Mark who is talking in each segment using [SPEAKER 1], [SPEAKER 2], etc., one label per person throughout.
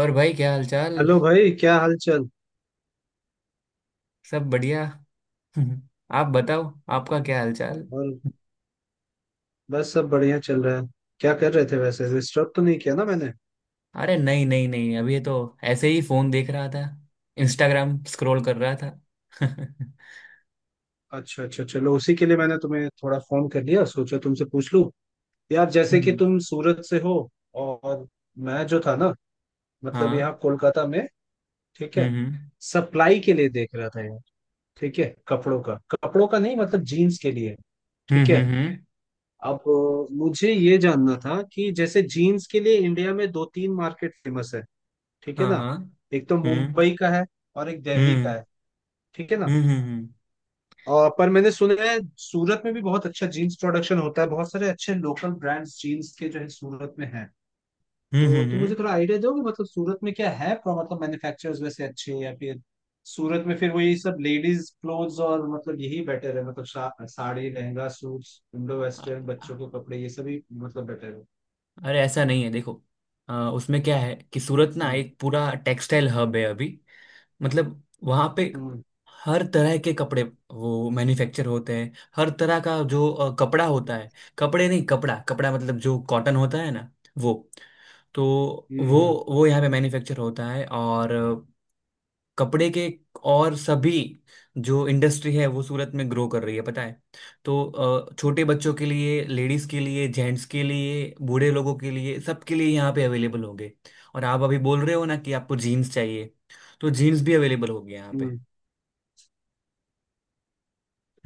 [SPEAKER 1] और भाई क्या हालचाल।
[SPEAKER 2] हेलो भाई क्या हाल चाल।
[SPEAKER 1] सब बढ़िया। आप बताओ। आपका क्या हालचाल।
[SPEAKER 2] और बस सब बढ़िया चल रहा है। क्या कर रहे थे वैसे, डिस्टर्ब तो नहीं किया ना मैंने?
[SPEAKER 1] अरे नहीं नहीं नहीं, अभी तो ऐसे ही फोन देख रहा था। इंस्टाग्राम स्क्रॉल कर रहा था। हम्म,
[SPEAKER 2] अच्छा अच्छा अच्छा, चलो उसी के लिए मैंने तुम्हें थोड़ा फोन कर लिया, सोचा तुमसे पूछ लूं। यार जैसे कि तुम सूरत से हो और मैं जो था ना मतलब
[SPEAKER 1] हाँ।
[SPEAKER 2] यहाँ कोलकाता में। ठीक है।
[SPEAKER 1] हम्म
[SPEAKER 2] सप्लाई के लिए देख रहा था यार। ठीक है, कपड़ों का नहीं मतलब जीन्स के लिए। ठीक है।
[SPEAKER 1] हम्म।
[SPEAKER 2] अब मुझे ये जानना था कि जैसे जीन्स के लिए इंडिया में दो तीन मार्केट फेमस है। ठीक है
[SPEAKER 1] हाँ
[SPEAKER 2] ना?
[SPEAKER 1] हाँ।
[SPEAKER 2] एक तो
[SPEAKER 1] हम्म
[SPEAKER 2] मुंबई का है और एक दिल्ली का
[SPEAKER 1] हम्म।
[SPEAKER 2] है। ठीक है ना?
[SPEAKER 1] हम्म हम्म
[SPEAKER 2] और पर मैंने सुना है सूरत में भी बहुत अच्छा जीन्स प्रोडक्शन होता है, बहुत सारे अच्छे लोकल ब्रांड्स जीन्स के जो है सूरत में हैं।
[SPEAKER 1] हम्म
[SPEAKER 2] तो
[SPEAKER 1] हम्म,
[SPEAKER 2] तुम मुझे
[SPEAKER 1] हम्म।
[SPEAKER 2] थोड़ा आइडिया दोगे, मतलब सूरत में क्या है मतलब मैन्युफैक्चरर्स वैसे अच्छे हैं या फिर सूरत में फिर वही सब लेडीज क्लोथ्स, और मतलब यही बेटर है, मतलब sari lehenga suits Indo western बच्चों
[SPEAKER 1] अ-
[SPEAKER 2] के कपड़े ये सभी मतलब बेटर है?
[SPEAKER 1] अरे ऐसा नहीं है, देखो। उसमें क्या है कि सूरत ना
[SPEAKER 2] हम्म
[SPEAKER 1] एक पूरा टेक्सटाइल हब है अभी। मतलब वहां पे
[SPEAKER 2] हम्म
[SPEAKER 1] हर तरह के कपड़े वो मैन्युफैक्चर होते हैं। हर तरह का जो कपड़ा होता है। कपड़े नहीं, कपड़ा कपड़ा, मतलब जो कॉटन होता है ना। वो, तो
[SPEAKER 2] हम्म
[SPEAKER 1] वो
[SPEAKER 2] हम्म
[SPEAKER 1] यहाँ पे मैन्युफैक्चर होता है। और कपड़े के, और सभी जो इंडस्ट्री है वो सूरत में ग्रो कर रही है पता है। तो छोटे बच्चों के लिए, लेडीज के लिए, जेंट्स के लिए, बूढ़े लोगों के लिए, सबके लिए यहाँ पे अवेलेबल होंगे। और आप अभी बोल रहे हो ना कि आपको जीन्स चाहिए, तो जीन्स भी अवेलेबल होगी यहाँ पे।
[SPEAKER 2] हम्म।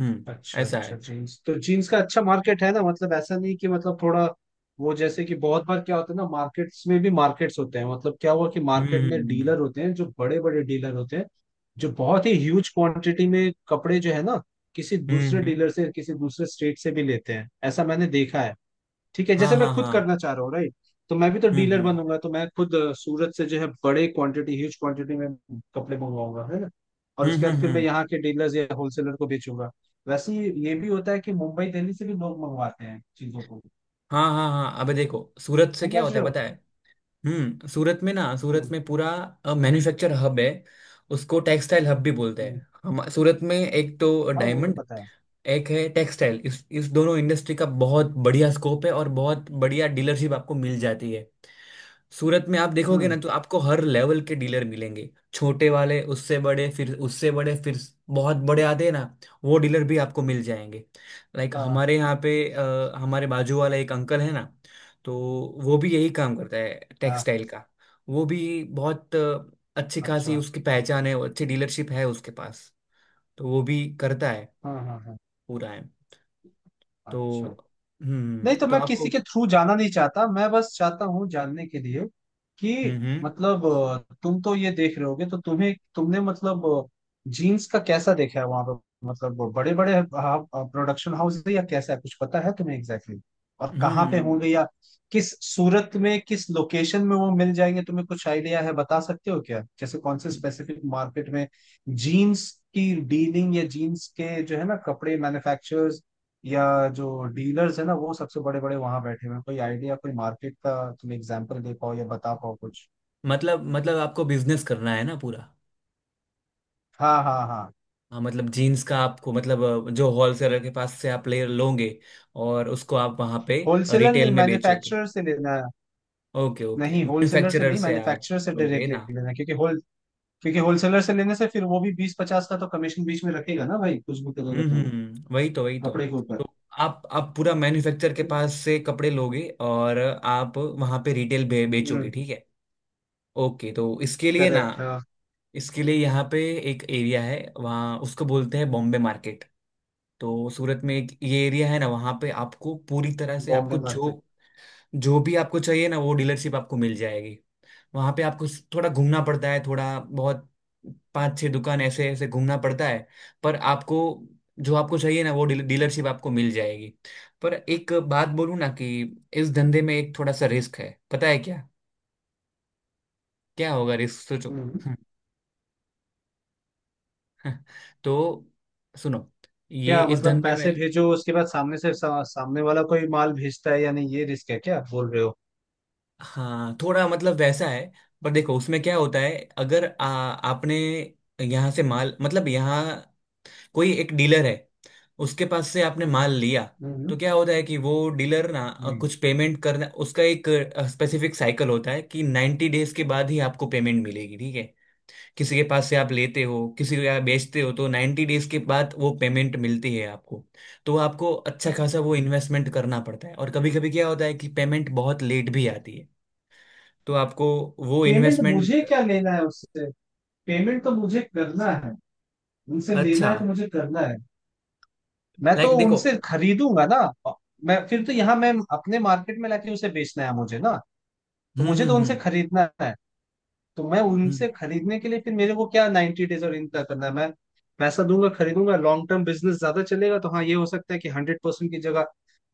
[SPEAKER 1] हम्म।
[SPEAKER 2] अच्छा
[SPEAKER 1] ऐसा
[SPEAKER 2] अच्छा
[SPEAKER 1] है।
[SPEAKER 2] जीन्स तो जीन्स का अच्छा मार्केट है ना, मतलब ऐसा नहीं कि मतलब थोड़ा वो जैसे कि बहुत बार क्या होता है ना मार्केट्स में भी मार्केट्स होते हैं, मतलब क्या हुआ कि मार्केट
[SPEAKER 1] हम्म
[SPEAKER 2] में
[SPEAKER 1] हम्म
[SPEAKER 2] डीलर होते हैं जो बड़े बड़े डीलर होते हैं, जो बहुत ही ह्यूज क्वांटिटी में कपड़े जो है ना किसी
[SPEAKER 1] हम्म
[SPEAKER 2] दूसरे
[SPEAKER 1] हम्म,
[SPEAKER 2] डीलर से किसी दूसरे स्टेट से भी लेते हैं, ऐसा मैंने देखा है। ठीक है,
[SPEAKER 1] हाँ
[SPEAKER 2] जैसे मैं
[SPEAKER 1] हाँ।
[SPEAKER 2] खुद
[SPEAKER 1] हाँ
[SPEAKER 2] करना चाह रहा हूँ, राइट? तो मैं भी तो
[SPEAKER 1] हम्म
[SPEAKER 2] डीलर
[SPEAKER 1] हम्म
[SPEAKER 2] बनूंगा, तो मैं खुद सूरत से जो है बड़े क्वांटिटी ह्यूज क्वांटिटी में कपड़े मंगवाऊंगा, है ना? और
[SPEAKER 1] हम्म।
[SPEAKER 2] उसके बाद
[SPEAKER 1] हम्म,
[SPEAKER 2] फिर मैं यहाँ के डीलर्स या होलसेलर को बेचूंगा। वैसे ही ये भी होता है कि मुंबई दिल्ली से भी लोग मंगवाते हैं चीजों को।
[SPEAKER 1] हाँ हाँ हाँ, अबे देखो सूरत से क्या
[SPEAKER 2] समझ
[SPEAKER 1] होता है
[SPEAKER 2] रहे हो?
[SPEAKER 1] पता है। हम्म, सूरत में ना, सूरत
[SPEAKER 2] हम्म
[SPEAKER 1] में पूरा मैन्युफैक्चर हब है। उसको टेक्सटाइल हब भी बोलते
[SPEAKER 2] हम्म।
[SPEAKER 1] हैं हम। सूरत में एक तो
[SPEAKER 2] हाँ वो तो
[SPEAKER 1] डायमंड,
[SPEAKER 2] पता है।
[SPEAKER 1] एक है टेक्सटाइल, इस दोनों इंडस्ट्री का बहुत बढ़िया स्कोप है और बहुत बढ़िया डीलरशिप आपको मिल जाती है। सूरत में आप देखोगे ना,
[SPEAKER 2] हम्म।
[SPEAKER 1] तो आपको हर लेवल के डीलर मिलेंगे, छोटे वाले, उससे बड़े, फिर उससे बड़े, फिर बहुत बड़े आते हैं ना, वो डीलर भी आपको मिल जाएंगे। लाइक
[SPEAKER 2] हाँ
[SPEAKER 1] हमारे यहाँ पे, हमारे बाजू वाला एक अंकल है ना, तो वो भी यही काम करता है,
[SPEAKER 2] हाँ।
[SPEAKER 1] टेक्सटाइल का। वो भी बहुत अच्छी खासी
[SPEAKER 2] अच्छा।
[SPEAKER 1] उसकी पहचान है, अच्छी डीलरशिप है उसके पास। तो वो भी करता है,
[SPEAKER 2] हाँ हाँ हाँ।
[SPEAKER 1] पूरा है। तो
[SPEAKER 2] अच्छा।
[SPEAKER 1] हम्म
[SPEAKER 2] नहीं तो
[SPEAKER 1] तो
[SPEAKER 2] मैं किसी
[SPEAKER 1] आपको।
[SPEAKER 2] के थ्रू जाना नहीं चाहता, मैं बस चाहता हूँ जानने के लिए कि
[SPEAKER 1] हम्म हम्म
[SPEAKER 2] मतलब तुम तो ये देख रहे होगे, तो तुम्हें तुमने मतलब जीन्स का कैसा देखा है वहां पर, मतलब बड़े बड़े प्रोडक्शन हाउस है या कैसा है, कुछ पता है तुम्हें एग्जैक्टली exactly? और कहाँ पे
[SPEAKER 1] हम्म।
[SPEAKER 2] होंगे या किस सूरत में किस लोकेशन में वो मिल जाएंगे? तुम्हें कुछ आइडिया है, बता सकते हो क्या, जैसे कौन से स्पेसिफिक मार्केट में जीन्स की डीलिंग या जीन्स के जो है ना कपड़े मैन्युफैक्चर या जो डीलर्स है ना वो सबसे बड़े बड़े वहां बैठे हुए हैं? कोई आइडिया कोई मार्केट का तुम एग्जांपल दे पाओ या बता पाओ कुछ?
[SPEAKER 1] मतलब आपको बिजनेस करना है ना, पूरा।
[SPEAKER 2] हाँ हाँ हाँ।
[SPEAKER 1] हाँ, मतलब जीन्स का आपको, मतलब जो होलसेलर के पास से आप ले लोगे और उसको आप वहाँ पे
[SPEAKER 2] होलसेलर नहीं
[SPEAKER 1] रिटेल में बेचोगे।
[SPEAKER 2] मैन्युफैक्चरर से लेना है।
[SPEAKER 1] ओके ओके,
[SPEAKER 2] नहीं होलसेलर से
[SPEAKER 1] मैन्युफैक्चरर
[SPEAKER 2] नहीं,
[SPEAKER 1] से आप
[SPEAKER 2] मैन्युफैक्चरर से
[SPEAKER 1] लोगे
[SPEAKER 2] डायरेक्टली
[SPEAKER 1] ना।
[SPEAKER 2] लेना है, क्योंकि होलसेलर से लेने से फिर वो भी बीस पचास का तो कमीशन बीच में रखेगा ना भाई, कुछ भी करेगा तो वो
[SPEAKER 1] वही तो,
[SPEAKER 2] कपड़े के ऊपर।
[SPEAKER 1] तो आप पूरा मैन्युफैक्चर के पास से कपड़े लोगे और आप वहाँ पे रिटेल बेचोगे,
[SPEAKER 2] हम्म।
[SPEAKER 1] ठीक है। ओके, तो इसके लिए ना,
[SPEAKER 2] करेक्ट, हाँ।
[SPEAKER 1] इसके लिए यहाँ पे एक एरिया है वहाँ, उसको बोलते हैं बॉम्बे मार्केट। तो सूरत में एक ये एरिया है ना, वहाँ पे आपको पूरी तरह से,
[SPEAKER 2] बॉम्बे
[SPEAKER 1] आपको
[SPEAKER 2] मार्केट।
[SPEAKER 1] जो जो भी आपको चाहिए ना वो डीलरशिप आपको मिल जाएगी। वहाँ पे आपको थोड़ा घूमना पड़ता है, थोड़ा बहुत, पांच छह दुकान ऐसे ऐसे घूमना पड़ता है। पर आपको जो आपको चाहिए ना, वो डीलरशिप आपको मिल जाएगी। पर एक बात बोलूँ ना कि इस धंधे में एक थोड़ा सा रिस्क है, पता है क्या। क्या होगा रिस्क सोचो।
[SPEAKER 2] हम्म।
[SPEAKER 1] तो सुनो, ये
[SPEAKER 2] क्या
[SPEAKER 1] इस
[SPEAKER 2] मतलब
[SPEAKER 1] धंधे
[SPEAKER 2] पैसे
[SPEAKER 1] में।
[SPEAKER 2] भेजो, उसके बाद सामने से सामने वाला कोई माल भेजता है या नहीं, ये रिस्क है क्या बोल रहे हो?
[SPEAKER 1] हाँ थोड़ा मतलब वैसा है। पर देखो उसमें क्या होता है, अगर आपने यहाँ से माल, मतलब यहाँ कोई एक डीलर है, उसके पास से आपने माल लिया, तो
[SPEAKER 2] हम्म
[SPEAKER 1] क्या होता है कि वो डीलर ना,
[SPEAKER 2] हम्म।
[SPEAKER 1] कुछ पेमेंट करना, उसका एक स्पेसिफिक साइकिल होता है कि नाइन्टी डेज के बाद ही आपको पेमेंट मिलेगी, ठीक है। किसी के पास से आप लेते हो, किसी को आप बेचते हो, तो 90 डेज के बाद वो पेमेंट मिलती है आपको। तो आपको अच्छा खासा वो इन्वेस्टमेंट करना पड़ता है, और कभी कभी क्या होता है कि पेमेंट बहुत लेट भी आती है। तो आपको वो
[SPEAKER 2] पेमेंट मुझे
[SPEAKER 1] इन्वेस्टमेंट।
[SPEAKER 2] क्या लेना है उससे? पेमेंट तो मुझे करना है, उनसे लेना
[SPEAKER 1] अच्छा
[SPEAKER 2] है तो मुझे करना है। मैं तो
[SPEAKER 1] लाइक देखो।
[SPEAKER 2] उनसे खरीदूंगा ना। मैं फिर तो यहाँ मैं अपने मार्केट में लाके उसे बेचना है मुझे ना। तो
[SPEAKER 1] हम्म
[SPEAKER 2] मुझे
[SPEAKER 1] हम्म
[SPEAKER 2] तो उनसे
[SPEAKER 1] हम्म
[SPEAKER 2] खरीदना है। तो मैं
[SPEAKER 1] हम्म
[SPEAKER 2] उनसे खरीदने के लिए फिर मेरे को क्या 90 डेज और इनका करना है? मैं पैसा दूंगा खरीदूंगा, लॉन्ग टर्म बिजनेस ज्यादा चलेगा, तो हाँ ये हो सकता है कि 100% की जगह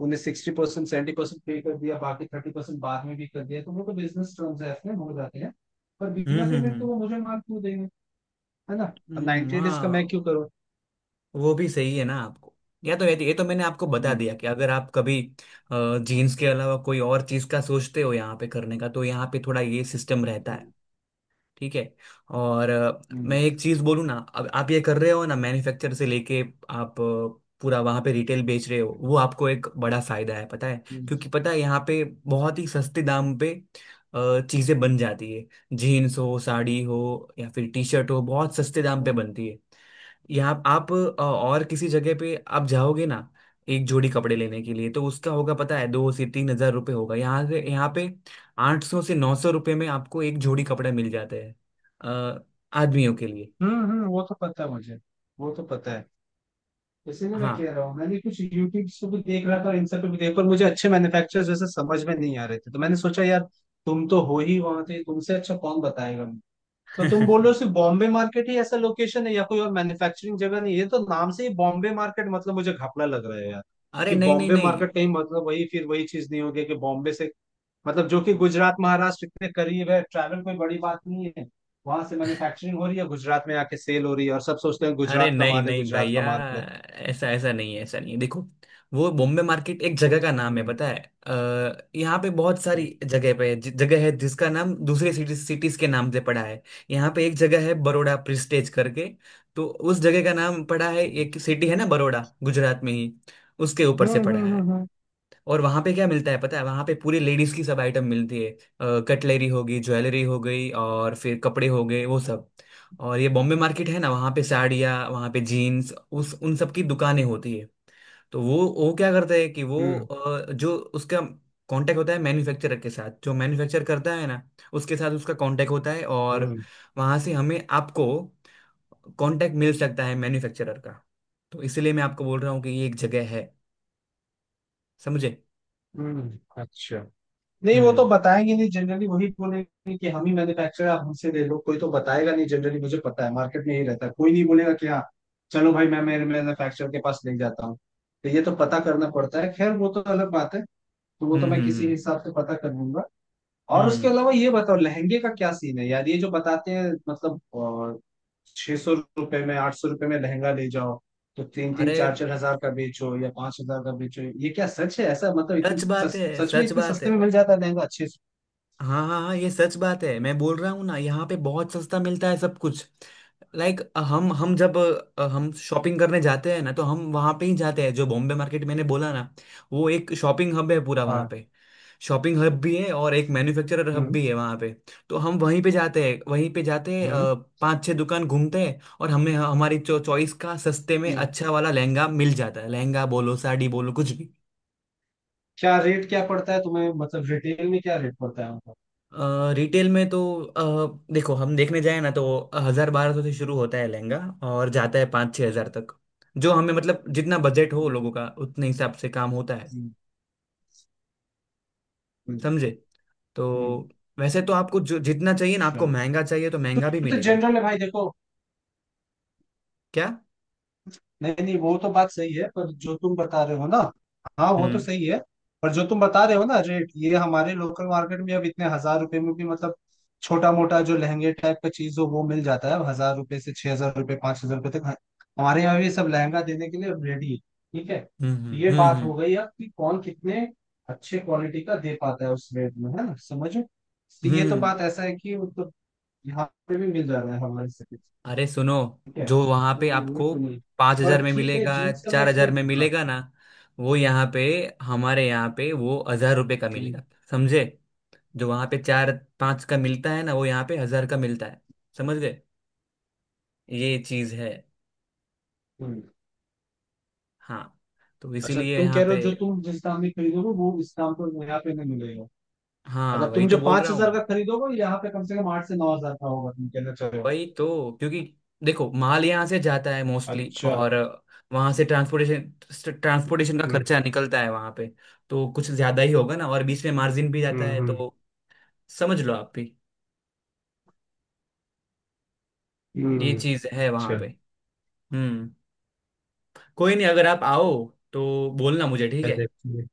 [SPEAKER 2] उन्हें 60% 70% पे कर दिया, बाकी 30% बाद में भी कर दिया, तो वो तो बिजनेस ट्रांजैक्शन हो जाते हैं। पर
[SPEAKER 1] हम्म
[SPEAKER 2] बिना
[SPEAKER 1] हम्म
[SPEAKER 2] पेमेंट तो
[SPEAKER 1] हम्म,
[SPEAKER 2] वो मुझे माल क्यों देंगे, है ना? और
[SPEAKER 1] हम्म।
[SPEAKER 2] 90 डेज का मैं
[SPEAKER 1] हाँ,
[SPEAKER 2] क्यों करूँ?
[SPEAKER 1] वो भी सही है ना आपको। या तो ये तो मैंने आपको बता
[SPEAKER 2] हम्म
[SPEAKER 1] दिया कि अगर आप कभी जीन्स के अलावा कोई और चीज का सोचते हो यहाँ पे करने का, तो यहाँ पे थोड़ा ये सिस्टम रहता है,
[SPEAKER 2] हम्म
[SPEAKER 1] ठीक है। और मैं
[SPEAKER 2] हम्म
[SPEAKER 1] एक चीज बोलूँ ना, अब आप ये कर रहे हो ना, मैन्युफैक्चर से लेके आप पूरा वहां पे रिटेल बेच रहे हो,
[SPEAKER 2] हम्म
[SPEAKER 1] वो आपको एक बड़ा फायदा है पता है, क्योंकि पता है यहाँ पे बहुत ही सस्ते दाम पे चीजें बन जाती है। जीन्स हो, साड़ी हो, या फिर टी शर्ट हो, बहुत सस्ते दाम पे
[SPEAKER 2] हम्म,
[SPEAKER 1] बनती है। यहाँ आप और किसी जगह पे आप जाओगे ना एक जोड़ी कपड़े लेने के लिए, तो उसका होगा पता है, दो से तीन हजार रुपये होगा। यहाँ से, यहाँ पे आठ सौ से नौ सौ रुपये में आपको एक जोड़ी कपड़े मिल जाते हैं, अ, आदमियों के लिए।
[SPEAKER 2] वो तो पता है मुझे। वो तो पता है। इसीलिए मैं
[SPEAKER 1] हाँ।
[SPEAKER 2] कह रहा हूँ, मैंने कुछ यूट्यूब से भी देख रहा था और इन सब पे भी देख पर मुझे अच्छे मैन्युफैक्चरर्स जैसे समझ में नहीं आ रहे थे, तो मैंने सोचा यार तुम तो हो ही वहां थे, तुमसे अच्छा कौन बताएगा मुझे। तो तुम बोल रहे हो सिर्फ बॉम्बे मार्केट ही ऐसा लोकेशन है या कोई और मैन्युफैक्चरिंग जगह नहीं है, ये तो नाम से ही बॉम्बे मार्केट, मतलब मुझे घपला लग रहा है यार
[SPEAKER 1] अरे
[SPEAKER 2] कि
[SPEAKER 1] नहीं नहीं
[SPEAKER 2] बॉम्बे
[SPEAKER 1] नहीं,
[SPEAKER 2] मार्केट कहीं मतलब वही फिर वही चीज नहीं होगी कि बॉम्बे से, मतलब जो कि गुजरात महाराष्ट्र इतने करीब है, ट्रैवल कोई बड़ी बात नहीं है, वहां से मैन्युफैक्चरिंग हो रही है गुजरात में आके सेल हो रही है और सब सोचते हैं
[SPEAKER 1] अरे
[SPEAKER 2] गुजरात का
[SPEAKER 1] नहीं
[SPEAKER 2] माल है
[SPEAKER 1] नहीं
[SPEAKER 2] गुजरात का
[SPEAKER 1] भैया,
[SPEAKER 2] माल
[SPEAKER 1] ऐसा ऐसा नहीं है, ऐसा नहीं है, देखो। वो बॉम्बे मार्केट एक जगह का नाम है
[SPEAKER 2] है।
[SPEAKER 1] पता है। यहाँ पे बहुत सारी
[SPEAKER 2] हम्म
[SPEAKER 1] जगह पे जगह है जिसका नाम दूसरे सिटीज के नाम से पड़ा है। यहाँ पे एक जगह है बड़ौदा प्रिस्टेज करके। तो उस जगह का नाम पड़ा है, एक सिटी है ना बड़ौदा, गुजरात में ही, उसके ऊपर
[SPEAKER 2] हम्म
[SPEAKER 1] से पड़ा
[SPEAKER 2] हम्म
[SPEAKER 1] है।
[SPEAKER 2] हम्म
[SPEAKER 1] और वहां पे क्या मिलता है पता है, वहां पे पूरी लेडीज की सब आइटम मिलती है। कटलरी हो गई, ज्वेलरी हो गई, और फिर कपड़े हो गए, वो सब। और ये बॉम्बे मार्केट है ना, वहां पे साड़ियाँ, वहां पे जीन्स, उस उन सब की दुकानें होती है। तो वो क्या करता है कि वो,
[SPEAKER 2] हम्म
[SPEAKER 1] जो उसका कांटेक्ट होता है मैन्युफैक्चरर के साथ, जो मैन्युफैक्चर करता है ना, उसके साथ उसका कांटेक्ट होता है, और
[SPEAKER 2] हम्म
[SPEAKER 1] वहां से हमें, आपको कांटेक्ट मिल सकता है मैन्युफैक्चरर का। तो इसीलिए मैं आपको बोल रहा हूँ कि ये एक जगह है, समझे।
[SPEAKER 2] अच्छा। नहीं वो तो
[SPEAKER 1] हम्म
[SPEAKER 2] बताएंगे नहीं जनरली, वही बोलेंगे कि हम ही मैन्युफैक्चरर आप हमसे ले लो, कोई तो बताएगा नहीं जनरली, मुझे पता है मार्केट में यही रहता है, कोई नहीं बोलेगा कि हाँ चलो भाई मैं मेरे मैन्युफैक्चरर के पास ले जाता हूँ। तो ये तो पता करना पड़ता है, खैर वो तो अलग बात है। तो वो तो
[SPEAKER 1] हम्म
[SPEAKER 2] मैं किसी
[SPEAKER 1] हम्म
[SPEAKER 2] हिसाब से पता कर लूंगा। और उसके
[SPEAKER 1] हम्म।
[SPEAKER 2] अलावा ये बताओ लहंगे का क्या सीन है यार, ये जो बताते हैं मतलब 600 रुपए में 800 रुपए में लहंगा ले जाओ तो तीन तीन
[SPEAKER 1] अरे,
[SPEAKER 2] चार चार हजार का बेचो या 5 हजार का बेचो, ये क्या सच है ऐसा, मतलब
[SPEAKER 1] सच बात है,
[SPEAKER 2] सच में
[SPEAKER 1] सच
[SPEAKER 2] इतने
[SPEAKER 1] बात है।
[SPEAKER 2] सस्ते में मिल जाता है लहंगा अच्छे से?
[SPEAKER 1] हाँ हाँ हाँ ये सच बात है, मैं बोल रहा हूँ ना यहाँ पे बहुत सस्ता मिलता है सब कुछ। लाइक हम जब हम शॉपिंग करने जाते हैं ना तो हम वहाँ पे ही जाते हैं, जो बॉम्बे मार्केट मैंने बोला ना। वो एक शॉपिंग हब है, पूरा वहाँ
[SPEAKER 2] हाँ।
[SPEAKER 1] पे। शॉपिंग हब भी है और एक मैन्युफैक्चरर हब
[SPEAKER 2] हम्म
[SPEAKER 1] भी है वहाँ पे। तो हम वहीं पे जाते हैं,
[SPEAKER 2] हम्म
[SPEAKER 1] पांच छह दुकान घूमते हैं और हमें हमारी चॉइस का सस्ते में
[SPEAKER 2] हम्म,
[SPEAKER 1] अच्छा वाला लहंगा मिल जाता है, लहंगा बोलो, साड़ी बोलो, कुछ भी।
[SPEAKER 2] क्या रेट क्या पड़ता है तुम्हें, मतलब रिटेल में क्या रेट पड़ता है उनका?
[SPEAKER 1] रिटेल में तो देखो हम देखने जाए ना तो हजार बारह सौ से शुरू होता है लहंगा, और जाता है पाँच छः हजार तक। जो हमें मतलब जितना बजट हो
[SPEAKER 2] हम्म,
[SPEAKER 1] लोगों का उतने हिसाब से काम होता है,
[SPEAKER 2] हम्म, हम्म,
[SPEAKER 1] समझे। तो
[SPEAKER 2] हम्म,
[SPEAKER 1] वैसे तो आपको जो जितना चाहिए ना, आपको
[SPEAKER 2] अच्छा।
[SPEAKER 1] महंगा चाहिए तो
[SPEAKER 2] तो
[SPEAKER 1] महंगा भी
[SPEAKER 2] ये तो
[SPEAKER 1] मिलेगा।
[SPEAKER 2] जनरल है भाई देखो।
[SPEAKER 1] क्या।
[SPEAKER 2] नहीं नहीं वो तो बात सही है, पर जो तुम बता रहे हो ना हाँ वो तो
[SPEAKER 1] हम्म
[SPEAKER 2] सही है। पर जो तुम बता रहे हो ना रेट, ये हमारे लोकल मार्केट में अब इतने हजार रुपए में भी मतलब छोटा मोटा जो लहंगे टाइप का चीज हो वो मिल जाता है, अब हजार रुपए से 6 हजार रुपए 5 हजार रुपए तक हमारे यहाँ भी सब लहंगा देने के लिए रेडी है। ठीक है,
[SPEAKER 1] हम्म
[SPEAKER 2] तो ये
[SPEAKER 1] हम्म
[SPEAKER 2] बात
[SPEAKER 1] हम्म
[SPEAKER 2] हो गई अब कि कौन कितने अच्छे क्वालिटी का दे पाता है उस रेट में, है ना? समझो तो
[SPEAKER 1] हम्म
[SPEAKER 2] ये तो
[SPEAKER 1] हम्म।
[SPEAKER 2] बात ऐसा है कि मतलब यहाँ पे भी मिल जा रहा है हमारे से।
[SPEAKER 1] अरे सुनो,
[SPEAKER 2] ठीक है,
[SPEAKER 1] जो वहां
[SPEAKER 2] वो
[SPEAKER 1] पे
[SPEAKER 2] वो
[SPEAKER 1] आपको
[SPEAKER 2] तो नहीं
[SPEAKER 1] पाँच हजार
[SPEAKER 2] पर
[SPEAKER 1] में
[SPEAKER 2] ठीक है
[SPEAKER 1] मिलेगा,
[SPEAKER 2] जीन्स का मैं
[SPEAKER 1] चार
[SPEAKER 2] इसलिए
[SPEAKER 1] हजार में
[SPEAKER 2] हाँ।
[SPEAKER 1] मिलेगा ना, वो यहाँ पे, हमारे यहाँ पे वो हजार रुपये का
[SPEAKER 2] हम्म,
[SPEAKER 1] मिलेगा, समझे। जो वहां पे चार पांच का मिलता है ना, वो यहाँ पे हजार का मिलता है, समझ गए। ये चीज है।
[SPEAKER 2] हम्म।
[SPEAKER 1] हाँ, तो
[SPEAKER 2] अच्छा
[SPEAKER 1] इसीलिए
[SPEAKER 2] तुम कह
[SPEAKER 1] यहाँ
[SPEAKER 2] रहे
[SPEAKER 1] पे।
[SPEAKER 2] हो जो तुम जिस दाम में खरीदोगे वो इस दाम पर यहाँ पे नहीं मिलेगा?
[SPEAKER 1] हाँ
[SPEAKER 2] अच्छा
[SPEAKER 1] वही
[SPEAKER 2] तुम जो
[SPEAKER 1] तो बोल
[SPEAKER 2] पांच
[SPEAKER 1] रहा हूँ
[SPEAKER 2] हजार का
[SPEAKER 1] मैं।
[SPEAKER 2] खरीदोगे यहाँ पे कम से कम 8 से 9 हजार का होगा तुम कहना चाह रहे हो?
[SPEAKER 1] वही तो, क्योंकि देखो माल यहाँ से जाता है मोस्टली,
[SPEAKER 2] अच्छा।
[SPEAKER 1] और वहां से ट्रांसपोर्टेशन ट्रांसपोर्टेशन का
[SPEAKER 2] हम्म
[SPEAKER 1] खर्चा निकलता है वहां पे, तो कुछ ज्यादा ही होगा ना, और बीच में मार्जिन भी जाता है,
[SPEAKER 2] हम्म
[SPEAKER 1] तो समझ लो आप भी, ये चीज है वहां
[SPEAKER 2] अच्छा
[SPEAKER 1] पे। हम्म। कोई नहीं, अगर आप आओ तो बोलना मुझे, ठीक
[SPEAKER 2] क्या
[SPEAKER 1] है।
[SPEAKER 2] देखते हैं।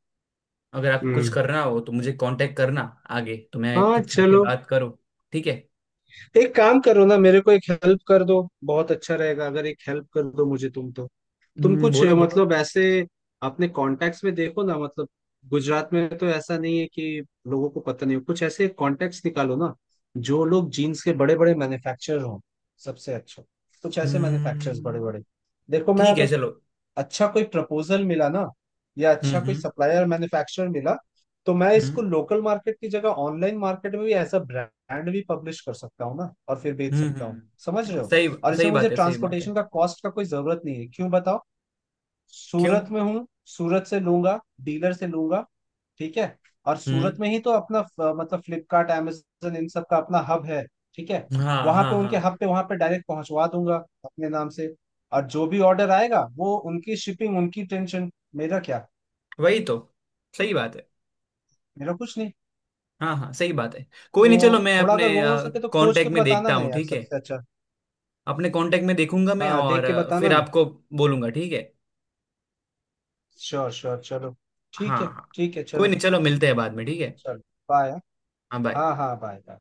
[SPEAKER 1] अगर आप कुछ
[SPEAKER 2] हम्म।
[SPEAKER 1] करना हो तो मुझे कांटेक्ट करना, आगे तो मैं
[SPEAKER 2] हाँ
[SPEAKER 1] कुछ जाके
[SPEAKER 2] चलो।
[SPEAKER 1] बात करूँ, ठीक है।
[SPEAKER 2] एक काम करो ना, मेरे को एक हेल्प कर दो, बहुत अच्छा रहेगा अगर एक हेल्प कर दो मुझे तुम तो। तुम
[SPEAKER 1] हम्म,
[SPEAKER 2] कुछ
[SPEAKER 1] बोलो बोलो।
[SPEAKER 2] मतलब ऐसे अपने कॉन्टेक्ट्स में देखो ना, मतलब गुजरात में तो ऐसा नहीं है कि लोगों को पता नहीं हो, कुछ ऐसे कॉन्टेक्ट्स निकालो ना जो लोग जीन्स के बड़े बड़े मैन्युफैक्चरर हों, सबसे अच्छा कुछ ऐसे मैन्युफैक्चरर्स बड़े
[SPEAKER 1] हम्म,
[SPEAKER 2] बड़े। देखो मैं
[SPEAKER 1] ठीक है
[SPEAKER 2] अगर
[SPEAKER 1] चलो।
[SPEAKER 2] अच्छा कोई प्रपोजल मिला ना या
[SPEAKER 1] हम्म
[SPEAKER 2] अच्छा कोई
[SPEAKER 1] हम्म
[SPEAKER 2] सप्लायर मैन्युफैक्चरर मिला तो मैं इसको
[SPEAKER 1] हम्म
[SPEAKER 2] लोकल मार्केट की जगह ऑनलाइन मार्केट में भी एज अ ब्रांड भी पब्लिश कर सकता हूँ ना और फिर बेच सकता हूँ। समझ रहे हो?
[SPEAKER 1] सही,
[SPEAKER 2] और
[SPEAKER 1] सही
[SPEAKER 2] इसमें मुझे
[SPEAKER 1] बात है, सही बात है।
[SPEAKER 2] ट्रांसपोर्टेशन का कॉस्ट का कोई जरूरत नहीं है, क्यों बताओ?
[SPEAKER 1] क्यों।
[SPEAKER 2] सूरत में हूँ, सूरत से लूंगा, डीलर से लूंगा। ठीक है। और सूरत
[SPEAKER 1] हम्म,
[SPEAKER 2] में ही तो अपना मतलब फ्लिपकार्ट amazon इन सब का अपना हब है। ठीक है।
[SPEAKER 1] हाँ
[SPEAKER 2] वहां
[SPEAKER 1] हाँ
[SPEAKER 2] पे
[SPEAKER 1] हाँ,
[SPEAKER 2] उनके हब पे वहां पे डायरेक्ट पहुंचवा दूंगा अपने नाम से। और जो भी ऑर्डर आएगा वो उनकी शिपिंग उनकी टेंशन, मेरा क्या,
[SPEAKER 1] वही तो सही बात है।
[SPEAKER 2] मेरा कुछ नहीं।
[SPEAKER 1] हाँ हाँ सही बात है। कोई नहीं चलो,
[SPEAKER 2] तो
[SPEAKER 1] मैं
[SPEAKER 2] थोड़ा
[SPEAKER 1] अपने
[SPEAKER 2] अगर वो हो सके तो खोज के
[SPEAKER 1] कांटेक्ट में
[SPEAKER 2] बताना
[SPEAKER 1] देखता
[SPEAKER 2] ना
[SPEAKER 1] हूँ,
[SPEAKER 2] यार
[SPEAKER 1] ठीक है।
[SPEAKER 2] सबसे अच्छा।
[SPEAKER 1] अपने कांटेक्ट में देखूंगा मैं,
[SPEAKER 2] हाँ
[SPEAKER 1] और
[SPEAKER 2] देख के बताना
[SPEAKER 1] फिर
[SPEAKER 2] ना।
[SPEAKER 1] आपको बोलूंगा, ठीक है।
[SPEAKER 2] श्योर श्योर चलो। ठीक
[SPEAKER 1] हाँ
[SPEAKER 2] है।
[SPEAKER 1] हाँ।
[SPEAKER 2] ठीक है
[SPEAKER 1] कोई
[SPEAKER 2] चलो।
[SPEAKER 1] नहीं चलो, मिलते हैं बाद में, ठीक है।
[SPEAKER 2] चलो बाय।
[SPEAKER 1] हाँ बाय।
[SPEAKER 2] हाँ हाँ बाय बाय।